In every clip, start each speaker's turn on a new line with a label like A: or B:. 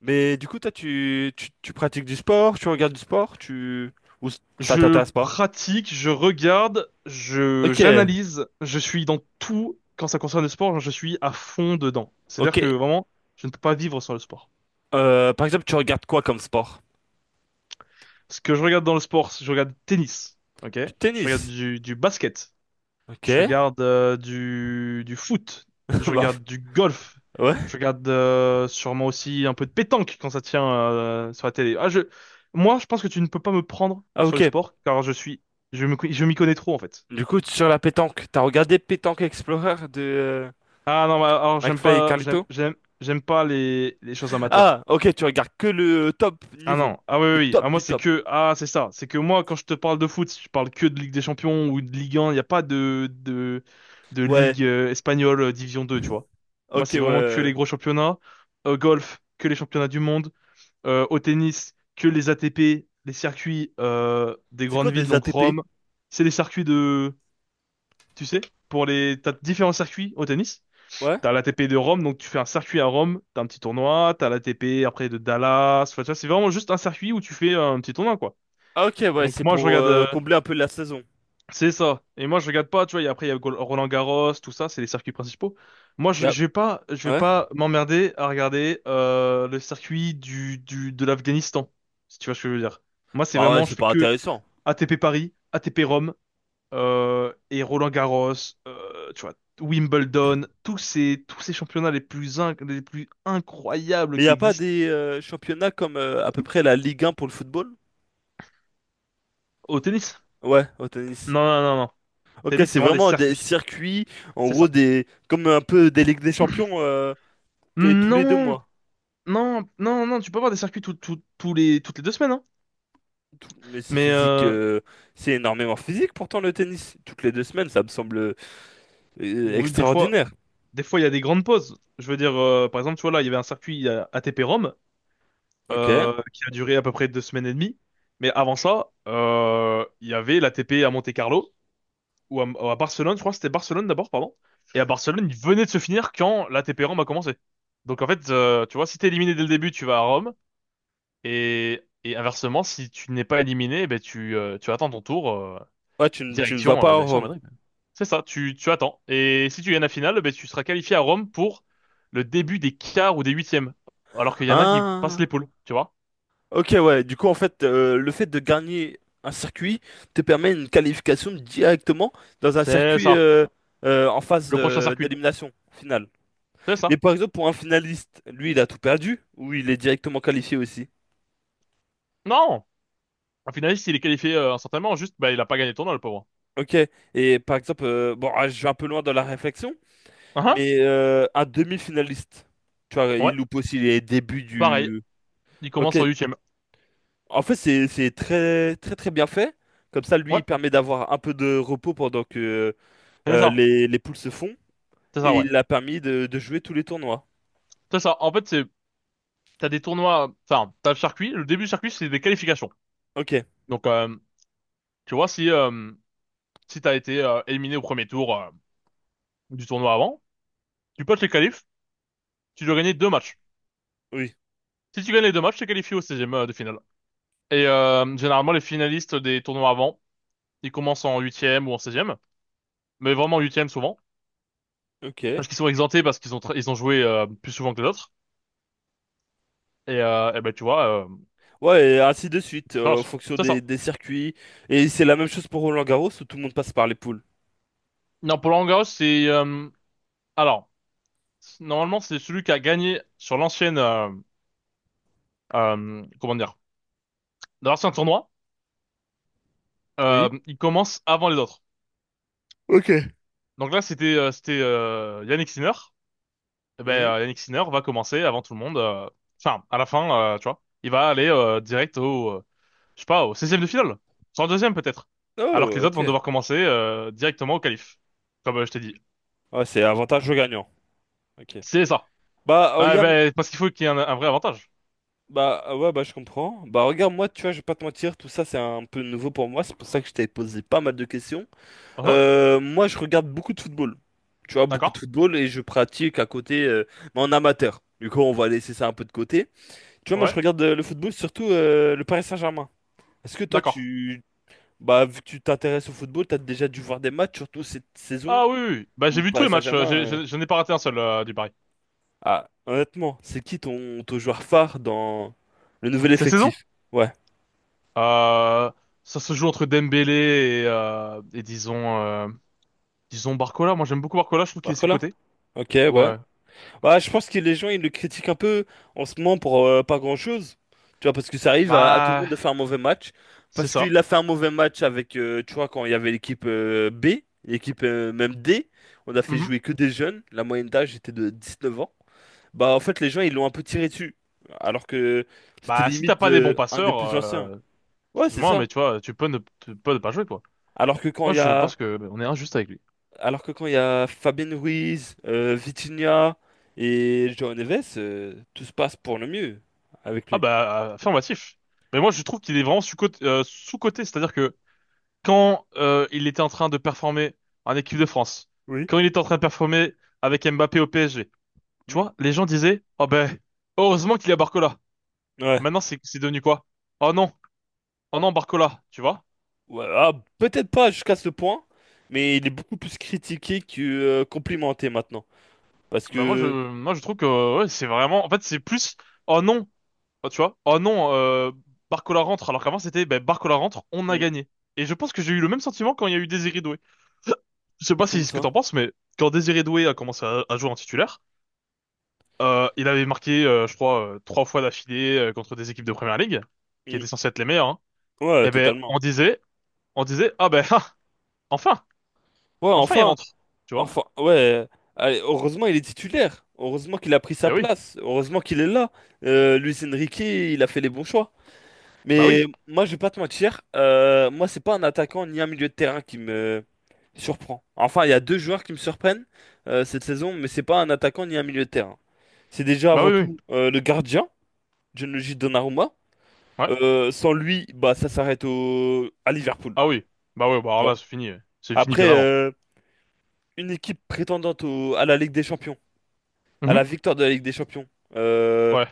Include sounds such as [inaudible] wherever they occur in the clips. A: Mais du coup, toi, tu pratiques du sport, tu regardes du sport. Ou ça
B: Je
A: t'intéresse pas?
B: pratique, je regarde, je
A: Ok,
B: j'analyse, je suis dans tout quand ça concerne le sport, je suis à fond dedans. C'est-à-dire
A: ok.
B: que vraiment, je ne peux pas vivre sans le sport.
A: Par exemple, tu regardes quoi comme sport?
B: Ce que je regarde dans le sport, je regarde tennis, ok?
A: Du
B: Je regarde
A: tennis.
B: du basket,
A: Ok.
B: je regarde du foot, je
A: [laughs] Bah,
B: regarde du golf,
A: ouais.
B: je regarde sûrement aussi un peu de pétanque quand ça tient sur la télé. Ah, moi, je pense que tu ne peux pas me prendre
A: Ah,
B: sur le
A: ok.
B: sport car je suis, je m'y connais trop en fait.
A: Du coup, sur la pétanque, t'as regardé Pétanque Explorer de
B: Ah non, bah, alors j'aime
A: McFly et
B: pas,
A: Carlito?
B: j'aime pas les choses amateurs.
A: Ah, ok, tu regardes que le top
B: Ah
A: niveau.
B: non, ah oui, oui,
A: Le
B: oui.
A: top
B: Ah moi
A: du
B: c'est
A: top.
B: que, ah c'est ça, c'est que moi quand je te parle de foot, je parle que de Ligue des Champions ou de Ligue 1, il n'y a pas de
A: Ouais.
B: Ligue espagnole, Division 2, tu vois. Moi
A: Ok,
B: c'est vraiment que
A: ouais.
B: les gros championnats, au golf, que les championnats du monde, au tennis, que les ATP, les circuits des
A: C'est
B: grandes
A: quoi
B: villes,
A: des
B: donc
A: ATP?
B: Rome, c'est les circuits de, tu sais, t'as différents circuits au tennis.
A: Ouais.
B: T'as la l'ATP de Rome, donc tu fais un circuit à Rome, t'as un petit tournoi, t'as la l'ATP après de Dallas, enfin, tu vois, c'est vraiment juste un circuit où tu fais un petit tournoi, quoi.
A: Ah, ok,
B: Et
A: ouais,
B: donc
A: c'est
B: moi je
A: pour
B: regarde,
A: combler un peu la saison.
B: c'est ça. Et moi je regarde pas, tu vois, et après il y a Roland Garros, tout ça, c'est les circuits principaux. Moi
A: Yep.
B: je vais
A: Ouais.
B: pas m'emmerder à regarder le circuit du de l'Afghanistan, si tu vois ce que je veux dire. Moi c'est
A: Bah ouais,
B: vraiment, je
A: c'est
B: fais
A: pas
B: que
A: intéressant.
B: ATP Paris, ATP Rome, et Roland-Garros, tu vois, Wimbledon, tous ces championnats les plus incroyables
A: Mais il n'y
B: qui
A: a pas
B: existent
A: des championnats comme à peu près la Ligue 1 pour le football?
B: au tennis.
A: Ouais, au tennis.
B: Non, non, non, non.
A: Ok,
B: Tennis, c'est
A: c'est
B: vraiment des
A: vraiment des
B: circuits.
A: circuits, en
B: C'est
A: gros,
B: ça.
A: des comme un peu des Ligues des
B: [clears throat]
A: Champions, tous les deux
B: Non,
A: mois.
B: non, non, non, tu peux avoir des circuits toutes les 2 semaines, hein.
A: Mais c'est
B: Mais
A: physique, c'est énormément physique pourtant le tennis. Toutes les 2 semaines, ça me semble
B: oui, des fois,
A: extraordinaire.
B: il y a des grandes pauses. Je veux dire, par exemple, tu vois, là, il y avait un circuit ATP Rome
A: Ok.
B: qui a duré à peu près 2 semaines et demie. Mais avant ça, il y avait l'ATP à Monte-Carlo ou à Barcelone, je crois que c'était Barcelone d'abord, pardon. Et à Barcelone, il venait de se finir quand l'ATP Rome a commencé. Donc en fait, tu vois, si t'es éliminé dès le début, tu vas à Rome. Et inversement, si tu n'es pas éliminé, eh ben tu attends ton tour,
A: Ouais, tu ne vas pas
B: direction,
A: à
B: direction
A: Rome.
B: Madrid. C'est ça, tu attends. Et si tu gagnes la finale, eh ben tu seras qualifié à Rome pour le début des quarts ou des huitièmes. Alors qu'il y en a qui passent
A: Ah.
B: les poules, tu vois.
A: Ok, ouais. Du coup, en fait, le fait de gagner un circuit te permet une qualification directement dans un
B: C'est
A: circuit
B: ça,
A: en phase
B: le prochain circuit.
A: d'élimination finale.
B: C'est
A: Mais
B: ça.
A: par exemple, pour un finaliste, lui, il a tout perdu ou il est directement qualifié aussi.
B: Non! Un finaliste, il est qualifié instantanément, juste, bah, il a pas gagné le tournoi, le pauvre.
A: Ok. Et par exemple, bon, ah, je vais un peu loin dans la réflexion,
B: Hein?
A: mais un demi-finaliste, tu vois,
B: Ouais.
A: il loupe aussi les débuts
B: Pareil,
A: du.
B: il
A: Ok.
B: commence en huitième.
A: En fait, c'est très très très bien fait. Comme ça, lui,
B: Ouais,
A: il permet d'avoir un peu de repos pendant que
B: c'est ça,
A: Les poules se font
B: c'est ça,
A: et
B: ouais.
A: il a permis de jouer tous les tournois.
B: C'est ça. En fait, c'est t'as des tournois, enfin, t'as le circuit. Le début du circuit, c'est des qualifications.
A: Ok,
B: Donc, tu vois, si t'as été éliminé au premier tour du tournoi avant, tu potes les qualifs, tu dois gagner deux matchs.
A: oui,
B: Si tu gagnes les deux matchs, t'es qualifié au seizième de finale. Et généralement, les finalistes des tournois avant, ils commencent en huitième ou en seizième, mais vraiment en huitième souvent,
A: ok.
B: parce qu'ils sont exemptés parce qu'ils ont ils ont joué plus souvent que les autres. Et, eh ben, tu vois,
A: Ouais, et ainsi de suite,
B: c'est ça.
A: en fonction
B: C'est ça.
A: des circuits. Et c'est la même chose pour Roland-Garros où tout le monde passe par les poules.
B: Non, pour Roland-Garros, c'est alors, normalement, c'est celui qui a gagné sur l'ancienne, comment dire, dans l'ancien tournoi.
A: Oui.
B: Il commence avant les autres.
A: Ok.
B: Donc là, c'était Yannick Sinner. Eh ben,
A: Mhm.
B: Yannick Sinner va commencer avant tout le monde. Enfin, à la fin, tu vois, il va aller direct je sais pas, au 16e de finale, 102e peut-être. Alors que
A: Oh,
B: les autres vont
A: ok.
B: devoir commencer directement au qualif, comme je t'ai dit.
A: Ouais, c'est avantage au gagnant. Ok.
B: C'est ça.
A: Bah,
B: Bah,
A: regarde,
B: ben, parce qu'il faut qu'il y ait un vrai avantage.
A: bah, ouais, bah, je comprends. Bah, regarde, moi, tu vois, je vais pas te mentir, tout ça, c'est un peu nouveau pour moi. C'est pour ça que je t'avais posé pas mal de questions.
B: Hein.
A: Moi, je regarde beaucoup de football. Tu vois, beaucoup de
B: D'accord.
A: football et je pratique à côté, mais en amateur. Du coup, on va laisser ça un peu de côté. Tu vois, moi, je
B: Ouais.
A: regarde le football, surtout le Paris Saint-Germain. Est-ce que toi.
B: D'accord.
A: Bah, vu que tu t'intéresses au football, t'as déjà dû voir des matchs, surtout cette saison
B: Ah oui, oui. Bah,
A: où
B: j'ai
A: le
B: vu tous
A: Paris
B: les matchs,
A: Saint-Germain...
B: je n'ai pas raté un seul du Paris.
A: Ah, honnêtement, c'est qui ton joueur phare dans le nouvel
B: Cette saison,
A: effectif? Ouais.
B: euh, ça se joue entre Dembélé et disons Barcola. Moi j'aime beaucoup Barcola, je trouve qu'il est
A: Barcola?
B: sous-coté.
A: Ok, ouais.
B: Ouais.
A: Bah, je pense que les gens, ils le critiquent un peu en ce moment pour pas grand-chose. Tu vois, parce que ça arrive à tout le monde de
B: Bah,
A: faire un mauvais match.
B: c'est
A: Parce
B: ça.
A: qu'il a fait un mauvais match avec, tu vois, quand il y avait l'équipe B, l'équipe même D. On a fait
B: Mhm.
A: jouer que des jeunes. La moyenne d'âge était de 19 ans. Bah, en fait, les gens, ils l'ont un peu tiré dessus. Alors que c'était
B: Bah, si t'as
A: limite
B: pas des bons
A: un des
B: passeurs,
A: plus anciens. Ouais, c'est
B: excuse-moi,
A: ça.
B: mais tu vois, tu peux ne pas jouer, quoi.
A: Alors que quand
B: Moi
A: il y
B: je
A: a
B: pense que on est injuste avec lui.
A: Alors que quand il y a Fabien Ruiz, Vitinha et João Neves, tout se passe pour le mieux avec
B: Ah
A: lui.
B: bah, affirmatif. Mais moi je trouve qu'il est vraiment sous-coté, c'est-à-dire que quand il était en train de performer en équipe de France,
A: Oui.
B: quand il était en train de performer avec Mbappé au PSG, tu
A: Hmm.
B: vois, les gens disaient, oh ben, heureusement qu'il y a Barcola.
A: Ouais.
B: Maintenant, c'est devenu quoi? Oh non, oh non, Barcola, tu vois?
A: Ouais, ah, peut-être pas jusqu'à ce point, mais il est beaucoup plus critiqué que complimenté maintenant. Parce
B: Ben moi,
A: que...
B: moi, je trouve que ouais, c'est vraiment, en fait, c'est plus, oh non, bah, tu vois, oh non, Barcola rentre, alors qu'avant, c'était, ben, Barcola rentre, on a
A: hmm,
B: gagné. Et je pense que j'ai eu le même sentiment quand il y a eu Désiré Doué. [laughs] Je sais pas si c'est
A: comment
B: ce que
A: ça?
B: t'en penses, mais quand Désiré Doué a commencé à jouer en titulaire. Il avait marqué, je crois, trois fois d'affilée contre des équipes de première ligue, qui
A: Hmm,
B: étaient censées être les meilleures. Hein.
A: ouais,
B: Et ben,
A: totalement.
B: on disait, ah ben, [laughs] ah, enfin,
A: Ouais,
B: enfin il
A: enfin,
B: rentre, tu vois?
A: enfin, ouais. Allez, heureusement, il est titulaire. Heureusement qu'il a pris sa
B: Eh oui,
A: place. Heureusement qu'il est là. Luis Enrique, il a fait les bons choix.
B: bah
A: Mais
B: oui,
A: moi, je vais pas te mentir, moi, c'est pas un attaquant ni un milieu de terrain qui me surprend. Enfin, il y a deux joueurs qui me surprennent cette saison, mais c'est pas un attaquant ni un milieu de terrain. C'est déjà
B: bah
A: avant
B: oui, oui,
A: tout le gardien, Gianluigi Donnarumma.
B: ouais,
A: Sans lui, bah, ça s'arrête à Liverpool.
B: ah oui, bah
A: Tu
B: alors
A: vois.
B: là c'est fini, ouais. C'est fini bien
A: Après,
B: avant.
A: une équipe prétendante à la Ligue des Champions, à la
B: Mhm.
A: victoire de la Ligue des Champions, euh,
B: Ouais.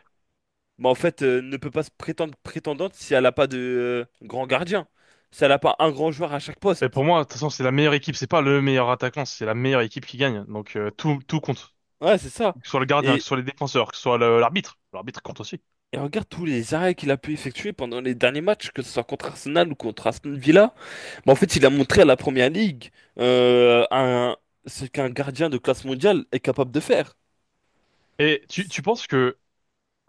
A: bah, en fait, ne peut pas se prétendre prétendante si elle n'a pas de grand gardien, si elle n'a pas un grand joueur à chaque
B: Mais pour
A: poste.
B: moi, de toute façon, c'est la meilleure équipe, c'est pas le meilleur attaquant, c'est la meilleure équipe qui gagne. Donc tout compte,
A: Ouais, c'est ça.
B: que ce soit le gardien, que
A: Et,
B: ce soit les défenseurs, que ce soit l'arbitre, l'arbitre compte aussi.
A: et regarde tous les arrêts qu'il a pu effectuer pendant les derniers matchs, que ce soit contre Arsenal ou contre Aston Villa. Mais en fait, il a montré à la Première Ligue euh, un- ce qu'un gardien de classe mondiale est capable de faire.
B: Et tu penses que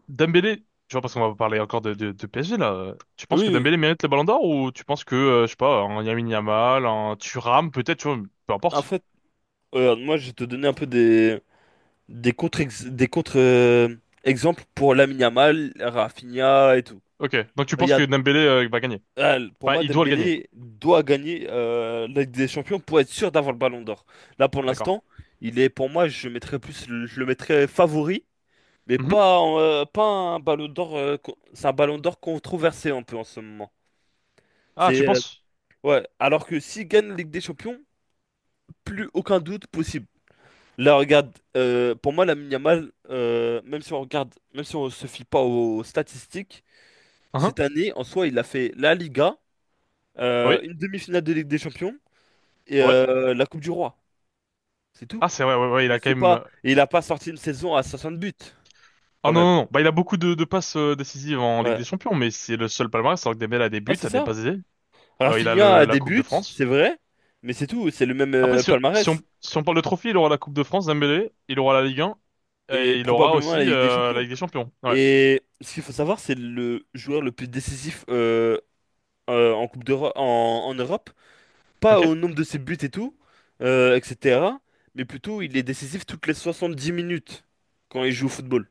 B: Dembélé, tu vois, parce qu'on va parler encore de PSG là, tu
A: Oui,
B: penses que
A: oui.
B: Dembélé mérite le Ballon d'Or ou tu penses que, je sais pas, un Lamine Yamal, un Thuram, peut-être, tu vois, peu
A: En
B: importe.
A: fait, moi, je vais te donner un peu des contre, des contre exemples pour Lamine Yamal, Rafinha et tout.
B: Ok, donc tu
A: Il y
B: penses que
A: a
B: Dembélé va gagner.
A: Ah, pour
B: Enfin,
A: moi,
B: il doit le gagner,
A: Dembélé doit gagner la Ligue des Champions pour être sûr d'avoir le Ballon d'Or. Là, pour
B: d'accord.
A: l'instant, il est pour moi, je le mettrais favori, mais
B: Mhm.
A: pas un Ballon d'Or. C'est un Ballon d'Or controversé un peu en ce moment.
B: Ah, tu
A: C'est
B: penses?
A: Ouais. Alors que s'il gagne la Ligue des Champions, plus aucun doute possible. Là, regarde, pour moi, la Yamal, même si on se fie pas aux statistiques,
B: Hein.
A: cette année, en soi, il a fait la Liga,
B: Oui,
A: une demi-finale de Ligue des Champions. Et
B: ouais.
A: la Coupe du Roi. C'est tout.
B: Ah, c'est vrai, ouais, ouais, il
A: Et
B: a quand
A: c'est
B: même...
A: pas.
B: euh,
A: Et il a pas sorti une saison à 60 buts,
B: Ah
A: quand
B: non,
A: même.
B: non, non, bah il a beaucoup de passes décisives en Ligue
A: Ouais.
B: des Champions, mais c'est le seul palmarès, alors que Dembélé a des
A: Ah,
B: buts,
A: c'est
B: a des
A: ça.
B: passes décisives. Il a
A: Rafinha a
B: la
A: des
B: Coupe de
A: buts,
B: France.
A: c'est vrai, mais c'est tout. C'est le même
B: Après,
A: palmarès.
B: si on parle de trophée, il aura la Coupe de France, Dembélé, il aura la Ligue 1,
A: Et
B: et il aura
A: probablement la
B: aussi
A: Ligue des
B: la
A: Champions.
B: Ligue des Champions. Ouais.
A: Et ce qu'il faut savoir, c'est le joueur le plus décisif en Coupe d'Europe, en Europe. Pas
B: Ok?
A: au nombre de ses buts et tout, etc. Mais plutôt, il est décisif toutes les 70 minutes quand il joue au football.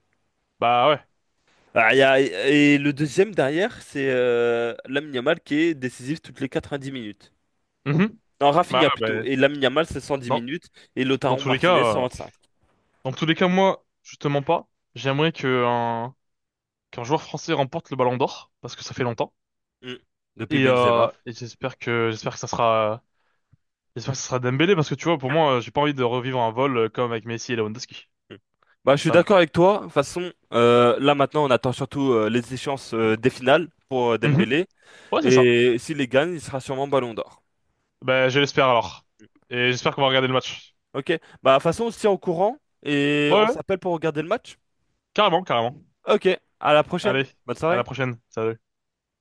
B: Bah ouais.
A: Ah, et le deuxième derrière, c'est Lamine Yamal qui est décisif toutes les 90 minutes.
B: Mhm.
A: Non,
B: Bah,
A: Rafinha plutôt.
B: ouais, bah,
A: Et Lamine Yamal, c'est 110
B: dans,
A: minutes. Et
B: dans
A: Lautaro
B: tous les
A: Martinez,
B: cas,
A: 125.
B: dans tous les cas, moi, justement pas. J'aimerais qu'un joueur français remporte le Ballon d'Or, parce que ça fait longtemps.
A: Mm. Depuis
B: Et, euh,
A: Benzema.
B: et j'espère que ça sera Dembélé, parce que tu vois, pour moi, j'ai pas envie de revivre un vol comme avec Messi et Lewandowski.
A: Mm. Bah, je suis
B: Ça, non.
A: d'accord avec toi. De toute façon, là maintenant, on attend surtout les échéances des finales pour
B: Mhm.
A: Dembélé.
B: Ouais, c'est ça.
A: Et s'il les gagne, il sera sûrement Ballon d'Or.
B: Bah, je l'espère alors. Et j'espère qu'on va regarder le match.
A: Ok. Bah, de toute façon, on se tient au courant et
B: Ouais,
A: on
B: ouais,
A: s'appelle pour regarder le match.
B: carrément, carrément.
A: Ok. À la prochaine.
B: Allez,
A: Bonne
B: à
A: soirée.
B: la prochaine. Salut.